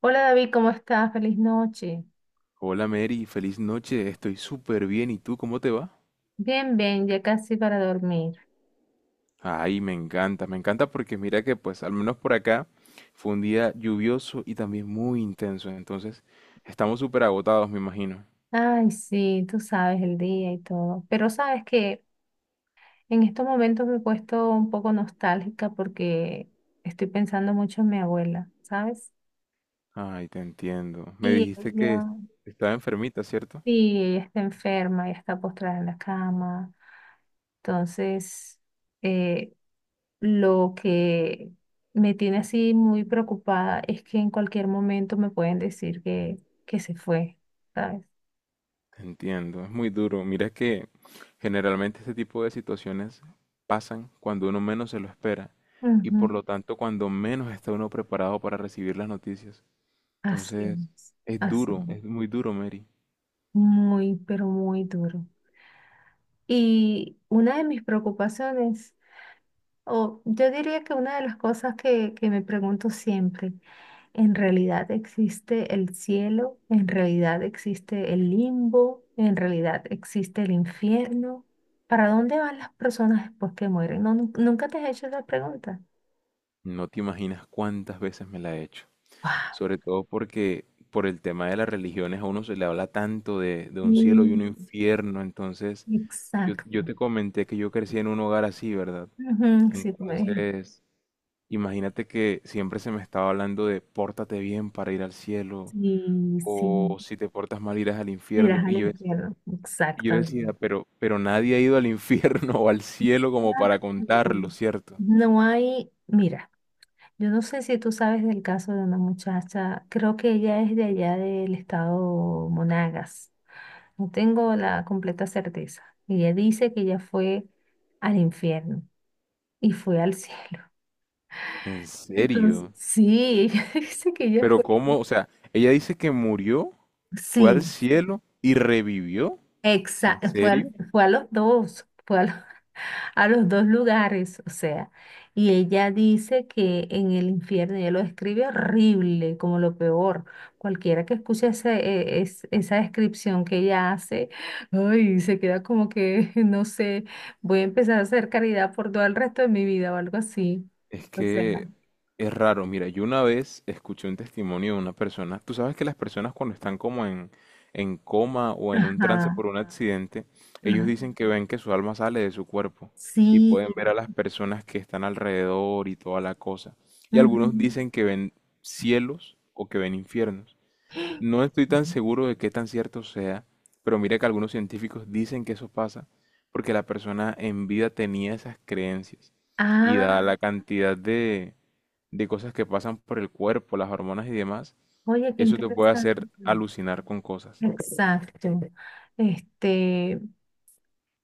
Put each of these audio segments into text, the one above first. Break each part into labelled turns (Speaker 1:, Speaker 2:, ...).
Speaker 1: Hola David, ¿cómo estás? Feliz noche.
Speaker 2: Hola Mary, feliz noche, estoy súper bien. ¿Y tú cómo te va?
Speaker 1: Bien, bien, ya casi para dormir.
Speaker 2: Ay, me encanta porque mira que pues al menos por acá fue un día lluvioso y también muy intenso, entonces estamos súper agotados, me imagino.
Speaker 1: Ay, sí, tú sabes el día y todo. Pero sabes que en estos momentos me he puesto un poco nostálgica porque estoy pensando mucho en mi abuela, ¿sabes?
Speaker 2: Ay, te entiendo. Me
Speaker 1: Y
Speaker 2: dijiste que
Speaker 1: ella,
Speaker 2: estaba enfermita, ¿cierto?
Speaker 1: sí, ella está enferma, ella está postrada en la cama. Entonces, eh, lo que me tiene así muy preocupada es que en cualquier momento me pueden decir que se fue, ¿sabes?
Speaker 2: Te entiendo, es muy duro. Mira que generalmente este tipo de situaciones pasan cuando uno menos se lo espera y por
Speaker 1: Ujú.
Speaker 2: lo tanto cuando menos está uno preparado para recibir las noticias.
Speaker 1: Así
Speaker 2: Entonces,
Speaker 1: es,
Speaker 2: es
Speaker 1: así
Speaker 2: duro, es
Speaker 1: es.
Speaker 2: muy duro, Mary.
Speaker 1: Muy, pero muy duro. Y una de mis preocupaciones, o yo diría que una de las cosas que me pregunto siempre, en realidad existe el cielo, en realidad existe el limbo, en realidad existe el infierno. ¿Para dónde van las personas después que mueren? No, nunca te has hecho esa pregunta.
Speaker 2: No te imaginas cuántas veces me la he hecho. Sobre todo porque por el tema de las religiones a uno se le habla tanto de un cielo y un
Speaker 1: Wow,
Speaker 2: infierno. Entonces, yo
Speaker 1: exacto.
Speaker 2: te comenté que yo crecí en un hogar así, ¿verdad?
Speaker 1: Ujú, sí, tú me dijiste.
Speaker 2: Entonces, imagínate que siempre se me estaba hablando de pórtate bien para ir al cielo
Speaker 1: Sí, sí.
Speaker 2: o si te portas mal irás al
Speaker 1: Irás
Speaker 2: infierno.
Speaker 1: al infierno.
Speaker 2: Y yo
Speaker 1: Exactamente.
Speaker 2: decía, pero nadie ha ido al infierno o al cielo como para
Speaker 1: Exacto.
Speaker 2: contarlo, ¿cierto?
Speaker 1: No hay, mira. Yo no sé si tú sabes del caso de una muchacha, creo que ella es de allá del estado Monagas, no tengo la completa certeza. Ella dice que ella fue al infierno y fue al cielo.
Speaker 2: ¿En
Speaker 1: Entonces,
Speaker 2: serio?
Speaker 1: sí, ella dice que ella
Speaker 2: Pero
Speaker 1: fue,
Speaker 2: ¿cómo? O sea, ella dice que murió, fue al
Speaker 1: sí,
Speaker 2: cielo y revivió. ¿En
Speaker 1: exacto,
Speaker 2: serio?
Speaker 1: fue a los dos, fue a los dos lugares, o sea, y ella dice que en el infierno, ella lo describe horrible, como lo peor. Cualquiera que escuche esa descripción que ella hace, ay, se queda como que, no sé, voy a empezar a hacer caridad por todo el resto de mi vida o algo así.
Speaker 2: Es
Speaker 1: O sea,
Speaker 2: que es raro. Mira, yo una vez escuché un testimonio de una persona. Tú sabes que las personas cuando están como en coma o en un trance
Speaker 1: ajá,
Speaker 2: por un accidente, ellos
Speaker 1: ajá.
Speaker 2: dicen que ven que su alma sale de su cuerpo y
Speaker 1: Sí.
Speaker 2: pueden ver a las personas que están alrededor y toda la cosa. Y algunos
Speaker 1: Ujú.
Speaker 2: dicen que ven cielos o que ven infiernos. No estoy tan seguro de qué tan cierto sea, pero mira que algunos científicos dicen que eso pasa porque la persona en vida tenía esas creencias y dada
Speaker 1: Ah,
Speaker 2: la cantidad de cosas que pasan por el cuerpo, las hormonas y demás,
Speaker 1: oye, qué
Speaker 2: eso te puede
Speaker 1: interesante.
Speaker 2: hacer alucinar con cosas.
Speaker 1: Exacto. Este,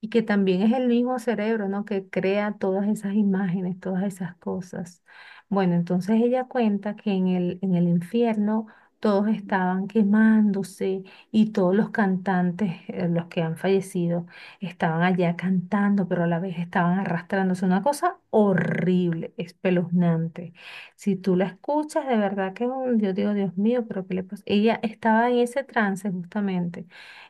Speaker 1: y que también es el mismo cerebro, ¿no? Que crea todas esas imágenes, todas esas cosas. Bueno, entonces ella cuenta que en el infierno todos estaban quemándose y todos los cantantes, los que han fallecido, estaban allá cantando, pero a la vez estaban arrastrándose. Una cosa horrible, espeluznante. Si tú la escuchas, de verdad que yo digo, Dios mío, pero ¿qué le pasa? Ella estaba en ese trance justamente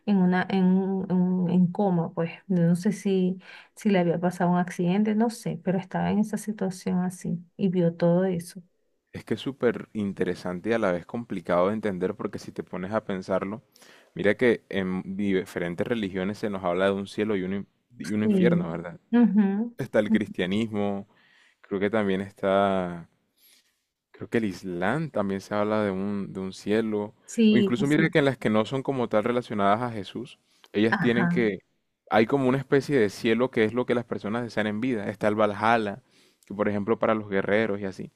Speaker 1: en una, en, un- en, un- en coma, pues. No sé si, si le había pasado un accidente, no sé, pero estaba en esa situación así y vio todo eso.
Speaker 2: Es que es súper interesante y a la vez complicado de entender porque si te pones a pensarlo, mira que en diferentes religiones se nos habla de un cielo y y un
Speaker 1: Sí.
Speaker 2: infierno, ¿verdad?
Speaker 1: Ujú.
Speaker 2: Está el cristianismo, creo que también está, creo que el Islam también se habla de de un cielo, o
Speaker 1: Sí,
Speaker 2: incluso
Speaker 1: pues
Speaker 2: mire
Speaker 1: sí.
Speaker 2: que en las que no son como tal relacionadas a Jesús, ellas tienen
Speaker 1: Ajá.
Speaker 2: que, hay como una especie de cielo que es lo que las personas desean en vida, está el Valhalla, que por ejemplo para los guerreros y así.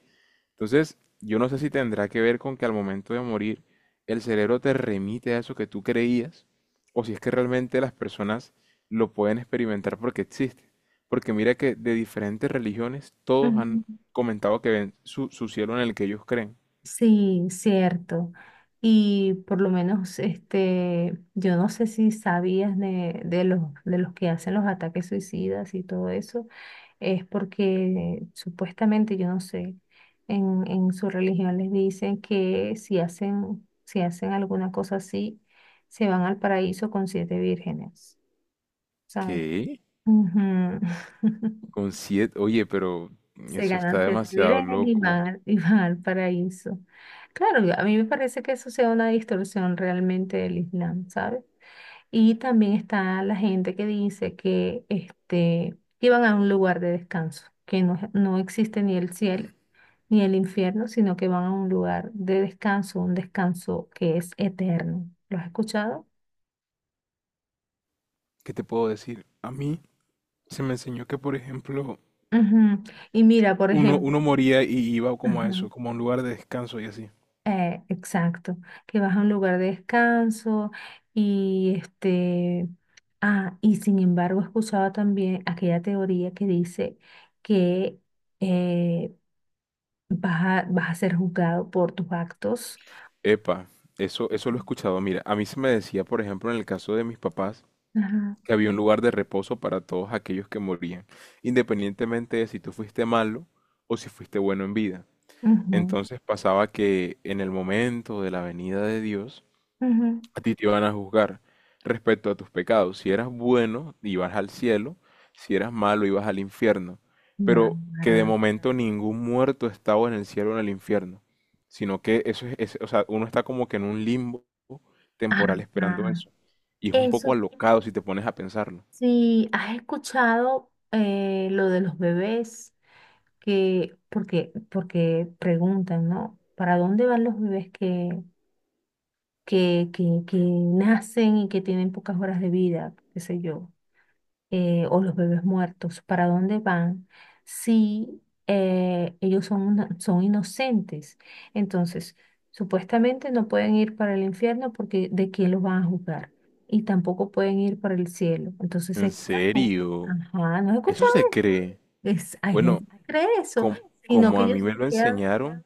Speaker 2: Entonces, yo no sé si tendrá que ver con que al momento de morir el cerebro te remite a eso que tú creías, o si es que realmente las personas lo pueden experimentar porque existe. Porque mira que de diferentes religiones todos
Speaker 1: Ujú.
Speaker 2: han comentado que ven su cielo en el que ellos creen.
Speaker 1: Sí, cierto. Y por lo menos, este, yo no sé si sabías de los que hacen los ataques suicidas y todo eso. Es porque supuestamente, yo no sé, en su religión les dicen que si hacen, si hacen alguna cosa así, se van al paraíso con siete vírgenes, ¿sabes?
Speaker 2: ¿Qué?
Speaker 1: Ujú.
Speaker 2: Con siete... Oye, pero
Speaker 1: Se
Speaker 2: eso está
Speaker 1: ganan siete
Speaker 2: demasiado
Speaker 1: vírgenes y
Speaker 2: loco.
Speaker 1: y van al paraíso. Claro, a mí me parece que eso sea una distorsión realmente del Islam, ¿sabes? Y también está la gente que dice que este, iban a un lugar de descanso, que no, no existe ni el cielo ni el infierno, sino que van a un lugar de descanso, un descanso que es eterno. ¿Lo has escuchado?
Speaker 2: ¿Qué te puedo decir? A mí se me enseñó que, por ejemplo,
Speaker 1: Ujú. Y mira, por ejemplo,
Speaker 2: uno moría y iba como a eso,
Speaker 1: ajá,
Speaker 2: como a un lugar de descanso y así.
Speaker 1: exacto, que vas a un lugar de descanso y este, ah, y sin embargo he escuchado también aquella teoría que dice que eh, vas vas a ser juzgado por tus actos.
Speaker 2: Epa, eso lo he escuchado. Mira, a mí se me decía, por ejemplo, en el caso de mis papás,
Speaker 1: Ajá,
Speaker 2: que había un lugar de reposo para todos aquellos que morían, independientemente de si tú fuiste malo o si fuiste bueno en vida.
Speaker 1: ujú,
Speaker 2: Entonces pasaba que en el momento de la venida de Dios,
Speaker 1: ujú.
Speaker 2: a ti te van a juzgar respecto a tus pecados. Si eras bueno, ibas al cielo. Si eras malo, ibas al infierno. Pero que
Speaker 1: Nara.
Speaker 2: de momento ningún muerto estaba en el cielo o en el infierno. Sino que eso es, o sea, uno está como que en un limbo temporal esperando
Speaker 1: Ajá.
Speaker 2: eso. Y es un poco
Speaker 1: Eso
Speaker 2: alocado si te pones a pensarlo.
Speaker 1: sí, has escuchado lo de los bebés que, porque, porque preguntan, ¿no? ¿Para dónde van los bebés que nacen y que tienen pocas horas de vida? ¿Qué sé yo? O los bebés muertos, ¿para dónde van si ellos son, son inocentes? Entonces, supuestamente no pueden ir para el infierno porque ¿de quién los van a juzgar? Y tampoco pueden ir para el cielo. Entonces
Speaker 2: ¿En
Speaker 1: sería como,
Speaker 2: serio?
Speaker 1: ajá, ¿no has
Speaker 2: ¿Eso
Speaker 1: escuchado?
Speaker 2: se cree?
Speaker 1: Es, hay
Speaker 2: Bueno,
Speaker 1: gente que cree eso,
Speaker 2: Com-
Speaker 1: sino
Speaker 2: como
Speaker 1: que
Speaker 2: a mí
Speaker 1: ellos
Speaker 2: me
Speaker 1: se
Speaker 2: lo
Speaker 1: quedan,
Speaker 2: enseñaron,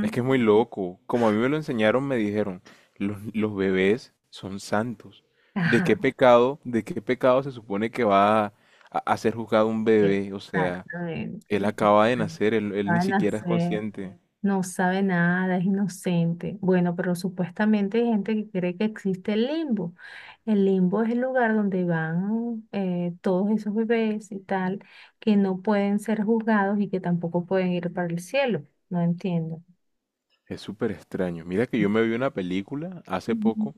Speaker 2: es que es muy loco. Como a mí me lo enseñaron, me dijeron, los bebés son santos.
Speaker 1: ajá,
Speaker 2: De qué pecado se supone que va a ser juzgado un bebé? O sea, él
Speaker 1: exactamente.
Speaker 2: acaba de nacer, él ni
Speaker 1: Van a
Speaker 2: siquiera es
Speaker 1: hacer.
Speaker 2: consciente.
Speaker 1: No sabe nada, es inocente. Bueno, pero supuestamente hay gente que cree que existe el limbo. El limbo es el lugar donde van todos esos bebés y tal, que no pueden ser juzgados y que tampoco pueden ir para el cielo. No entiendo.
Speaker 2: Es súper extraño. Mira que yo me vi una película hace
Speaker 1: Ujú.
Speaker 2: poco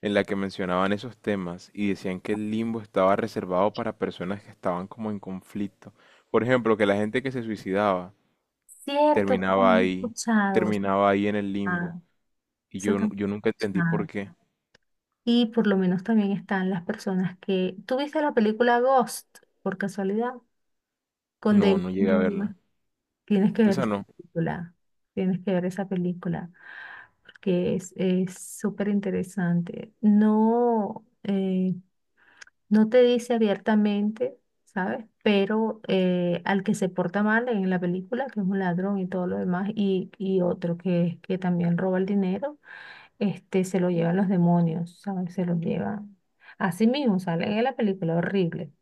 Speaker 2: en la que mencionaban esos temas y decían que el limbo estaba reservado para personas que estaban como en conflicto. Por ejemplo, que la gente que se suicidaba
Speaker 1: Cierto, eso
Speaker 2: terminaba
Speaker 1: también he
Speaker 2: ahí,
Speaker 1: escuchado. Eso,
Speaker 2: terminaba ahí en el limbo.
Speaker 1: ah,
Speaker 2: Y
Speaker 1: eso
Speaker 2: yo,
Speaker 1: también
Speaker 2: yo nunca
Speaker 1: he
Speaker 2: entendí por
Speaker 1: escuchado.
Speaker 2: qué.
Speaker 1: Y por lo menos también están las personas que... ¿Tú viste la película Ghost, por casualidad? Con
Speaker 2: No,
Speaker 1: David,
Speaker 2: no llegué a verla.
Speaker 1: tienes que ver
Speaker 2: Esa
Speaker 1: esa
Speaker 2: no.
Speaker 1: película, tienes que ver esa película, porque es súper interesante. No, no te dice abiertamente, ¿sabes? Pero al que se porta mal en la película, que es un ladrón y todo lo demás, y otro que también roba el dinero, este, se lo llevan los demonios, ¿sabes? Se los llevan. Así mismo sale en la película, horrible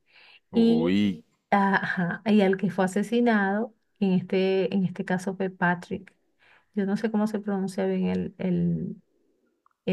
Speaker 1: y,
Speaker 2: Uy.
Speaker 1: ah, ajá, y al que fue asesinado, en este caso fue Patrick. Yo no sé cómo se pronuncia bien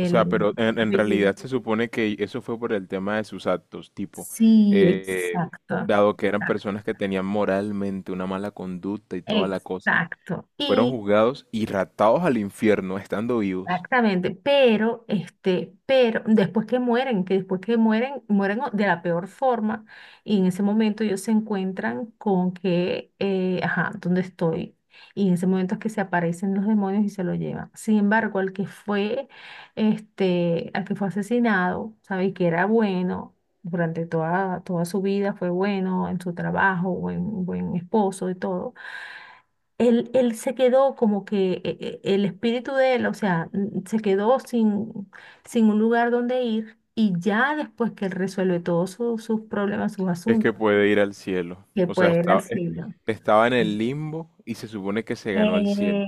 Speaker 2: O sea, pero en realidad
Speaker 1: apellido.
Speaker 2: se supone que eso fue por el tema de sus actos, tipo,
Speaker 1: Sí,
Speaker 2: eh,
Speaker 1: exacto.
Speaker 2: dado que eran
Speaker 1: Exacto.
Speaker 2: personas que tenían moralmente una mala conducta y toda la cosa,
Speaker 1: Exacto.
Speaker 2: fueron
Speaker 1: Y
Speaker 2: juzgados y ratados al infierno estando vivos.
Speaker 1: exactamente, pero este, pero después que mueren, que después que mueren, de la peor forma, y en ese momento ellos se encuentran con que, ajá, ¿dónde estoy? Y en ese momento es que se aparecen los demonios y se lo llevan. Sin embargo, al que fue, este, al que fue asesinado, ¿sabes? Que era bueno durante toda, toda su vida, fue bueno en su trabajo, buen, buen esposo y todo él, él se quedó como que el espíritu de él, o sea, se quedó sin, sin un lugar donde ir y ya después que él resuelve todos sus problemas, sus
Speaker 2: Es que
Speaker 1: asuntos,
Speaker 2: puede ir al cielo.
Speaker 1: que
Speaker 2: O sea,
Speaker 1: puede ir al
Speaker 2: estaba,
Speaker 1: cielo.
Speaker 2: estaba en el limbo y se supone que se ganó el cielo.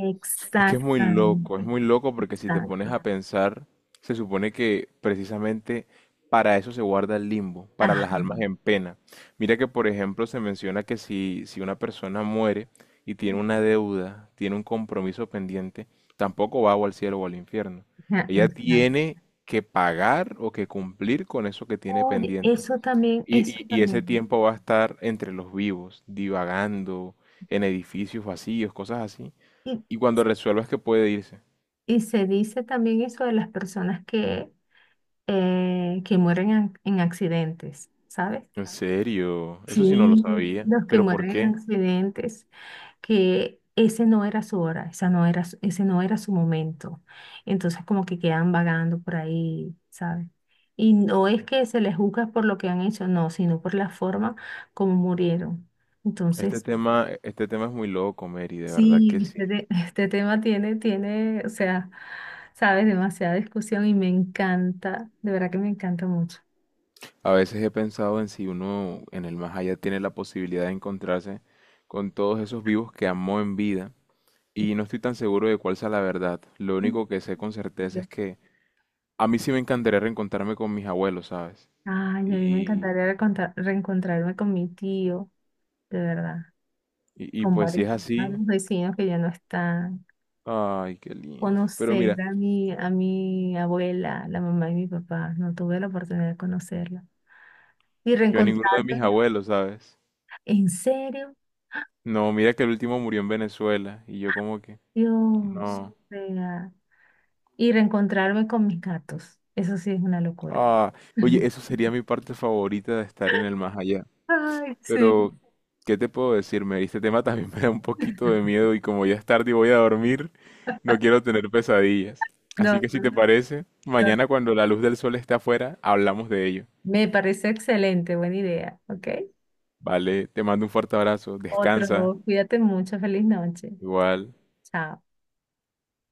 Speaker 2: Es que es muy loco porque si te pones
Speaker 1: exacto.
Speaker 2: a pensar, se supone que precisamente para eso se guarda el limbo, para
Speaker 1: Ajá,
Speaker 2: las almas en pena. Mira que, por ejemplo, se menciona que si una persona muere y tiene una deuda, tiene un compromiso pendiente, tampoco va o al cielo o al infierno.
Speaker 1: ajá,
Speaker 2: Ella
Speaker 1: exacto.
Speaker 2: tiene que pagar o que cumplir con eso que tiene
Speaker 1: Oye,
Speaker 2: pendiente.
Speaker 1: eso también,
Speaker 2: Y,
Speaker 1: eso
Speaker 2: y y ese
Speaker 1: también.
Speaker 2: tiempo va a estar entre los vivos, divagando en edificios vacíos, cosas así.
Speaker 1: Y,
Speaker 2: Y cuando resuelvas que puede irse.
Speaker 1: y se dice también eso de las personas que mueren en accidentes, ¿sabes?
Speaker 2: En serio, eso sí no lo
Speaker 1: Sí,
Speaker 2: sabía.
Speaker 1: los que
Speaker 2: ¿Pero por
Speaker 1: mueren en
Speaker 2: qué?
Speaker 1: accidentes, que ese no era su hora, esa no era, ese no era su momento. Entonces como que quedan vagando por ahí, ¿sabes? Y no es que se les juzga por lo que han hecho, no, sino por la forma como murieron. Entonces,
Speaker 2: Este tema es muy loco, Mary, de verdad
Speaker 1: sí,
Speaker 2: que sí.
Speaker 1: este, este tema tiene, tiene, o sea, sabes, demasiada discusión y me encanta, de verdad que me encanta mucho.
Speaker 2: A veces he pensado en si uno en el más allá tiene la posibilidad de encontrarse con todos esos vivos que amó en vida. Y no estoy tan seguro de cuál sea la verdad. Lo único que sé con certeza
Speaker 1: Yo-
Speaker 2: es que a mí sí me encantaría reencontrarme con mis abuelos, ¿sabes?
Speaker 1: ay, a mí me
Speaker 2: Y,
Speaker 1: encantaría reencontrarme con mi tío de verdad,
Speaker 2: y
Speaker 1: con
Speaker 2: pues si
Speaker 1: varios,
Speaker 2: es así,
Speaker 1: varios vecinos que ya no están.
Speaker 2: ay, qué lindo. Pero
Speaker 1: Conocer
Speaker 2: mira,
Speaker 1: a mi abuela, la mamá de mi papá, no tuve la oportunidad de conocerla. Y
Speaker 2: yo a ninguno de mis
Speaker 1: reencontrarme,
Speaker 2: abuelos, ¿sabes?
Speaker 1: en serio,
Speaker 2: No, mira que el último murió en Venezuela y yo como que
Speaker 1: Dios,
Speaker 2: no.
Speaker 1: vea. Y reencontrarme con mis gatos, eso sí es una locura.
Speaker 2: Ah, oye, eso sería mi parte favorita de estar en el más allá.
Speaker 1: Ay, sí,
Speaker 2: Pero, ¿qué te puedo decir? Me Este tema también me da un poquito de miedo y como ya es tarde y voy a dormir, no quiero tener pesadillas. Así
Speaker 1: no,
Speaker 2: que si
Speaker 1: no,
Speaker 2: te parece,
Speaker 1: no.
Speaker 2: mañana cuando la luz del sol esté afuera, hablamos de ello.
Speaker 1: Me parece excelente, buena idea, ¿ok?
Speaker 2: Vale, te mando un fuerte abrazo, descansa,
Speaker 1: Otro, cuídate mucho, feliz noche.
Speaker 2: igual.
Speaker 1: Chao.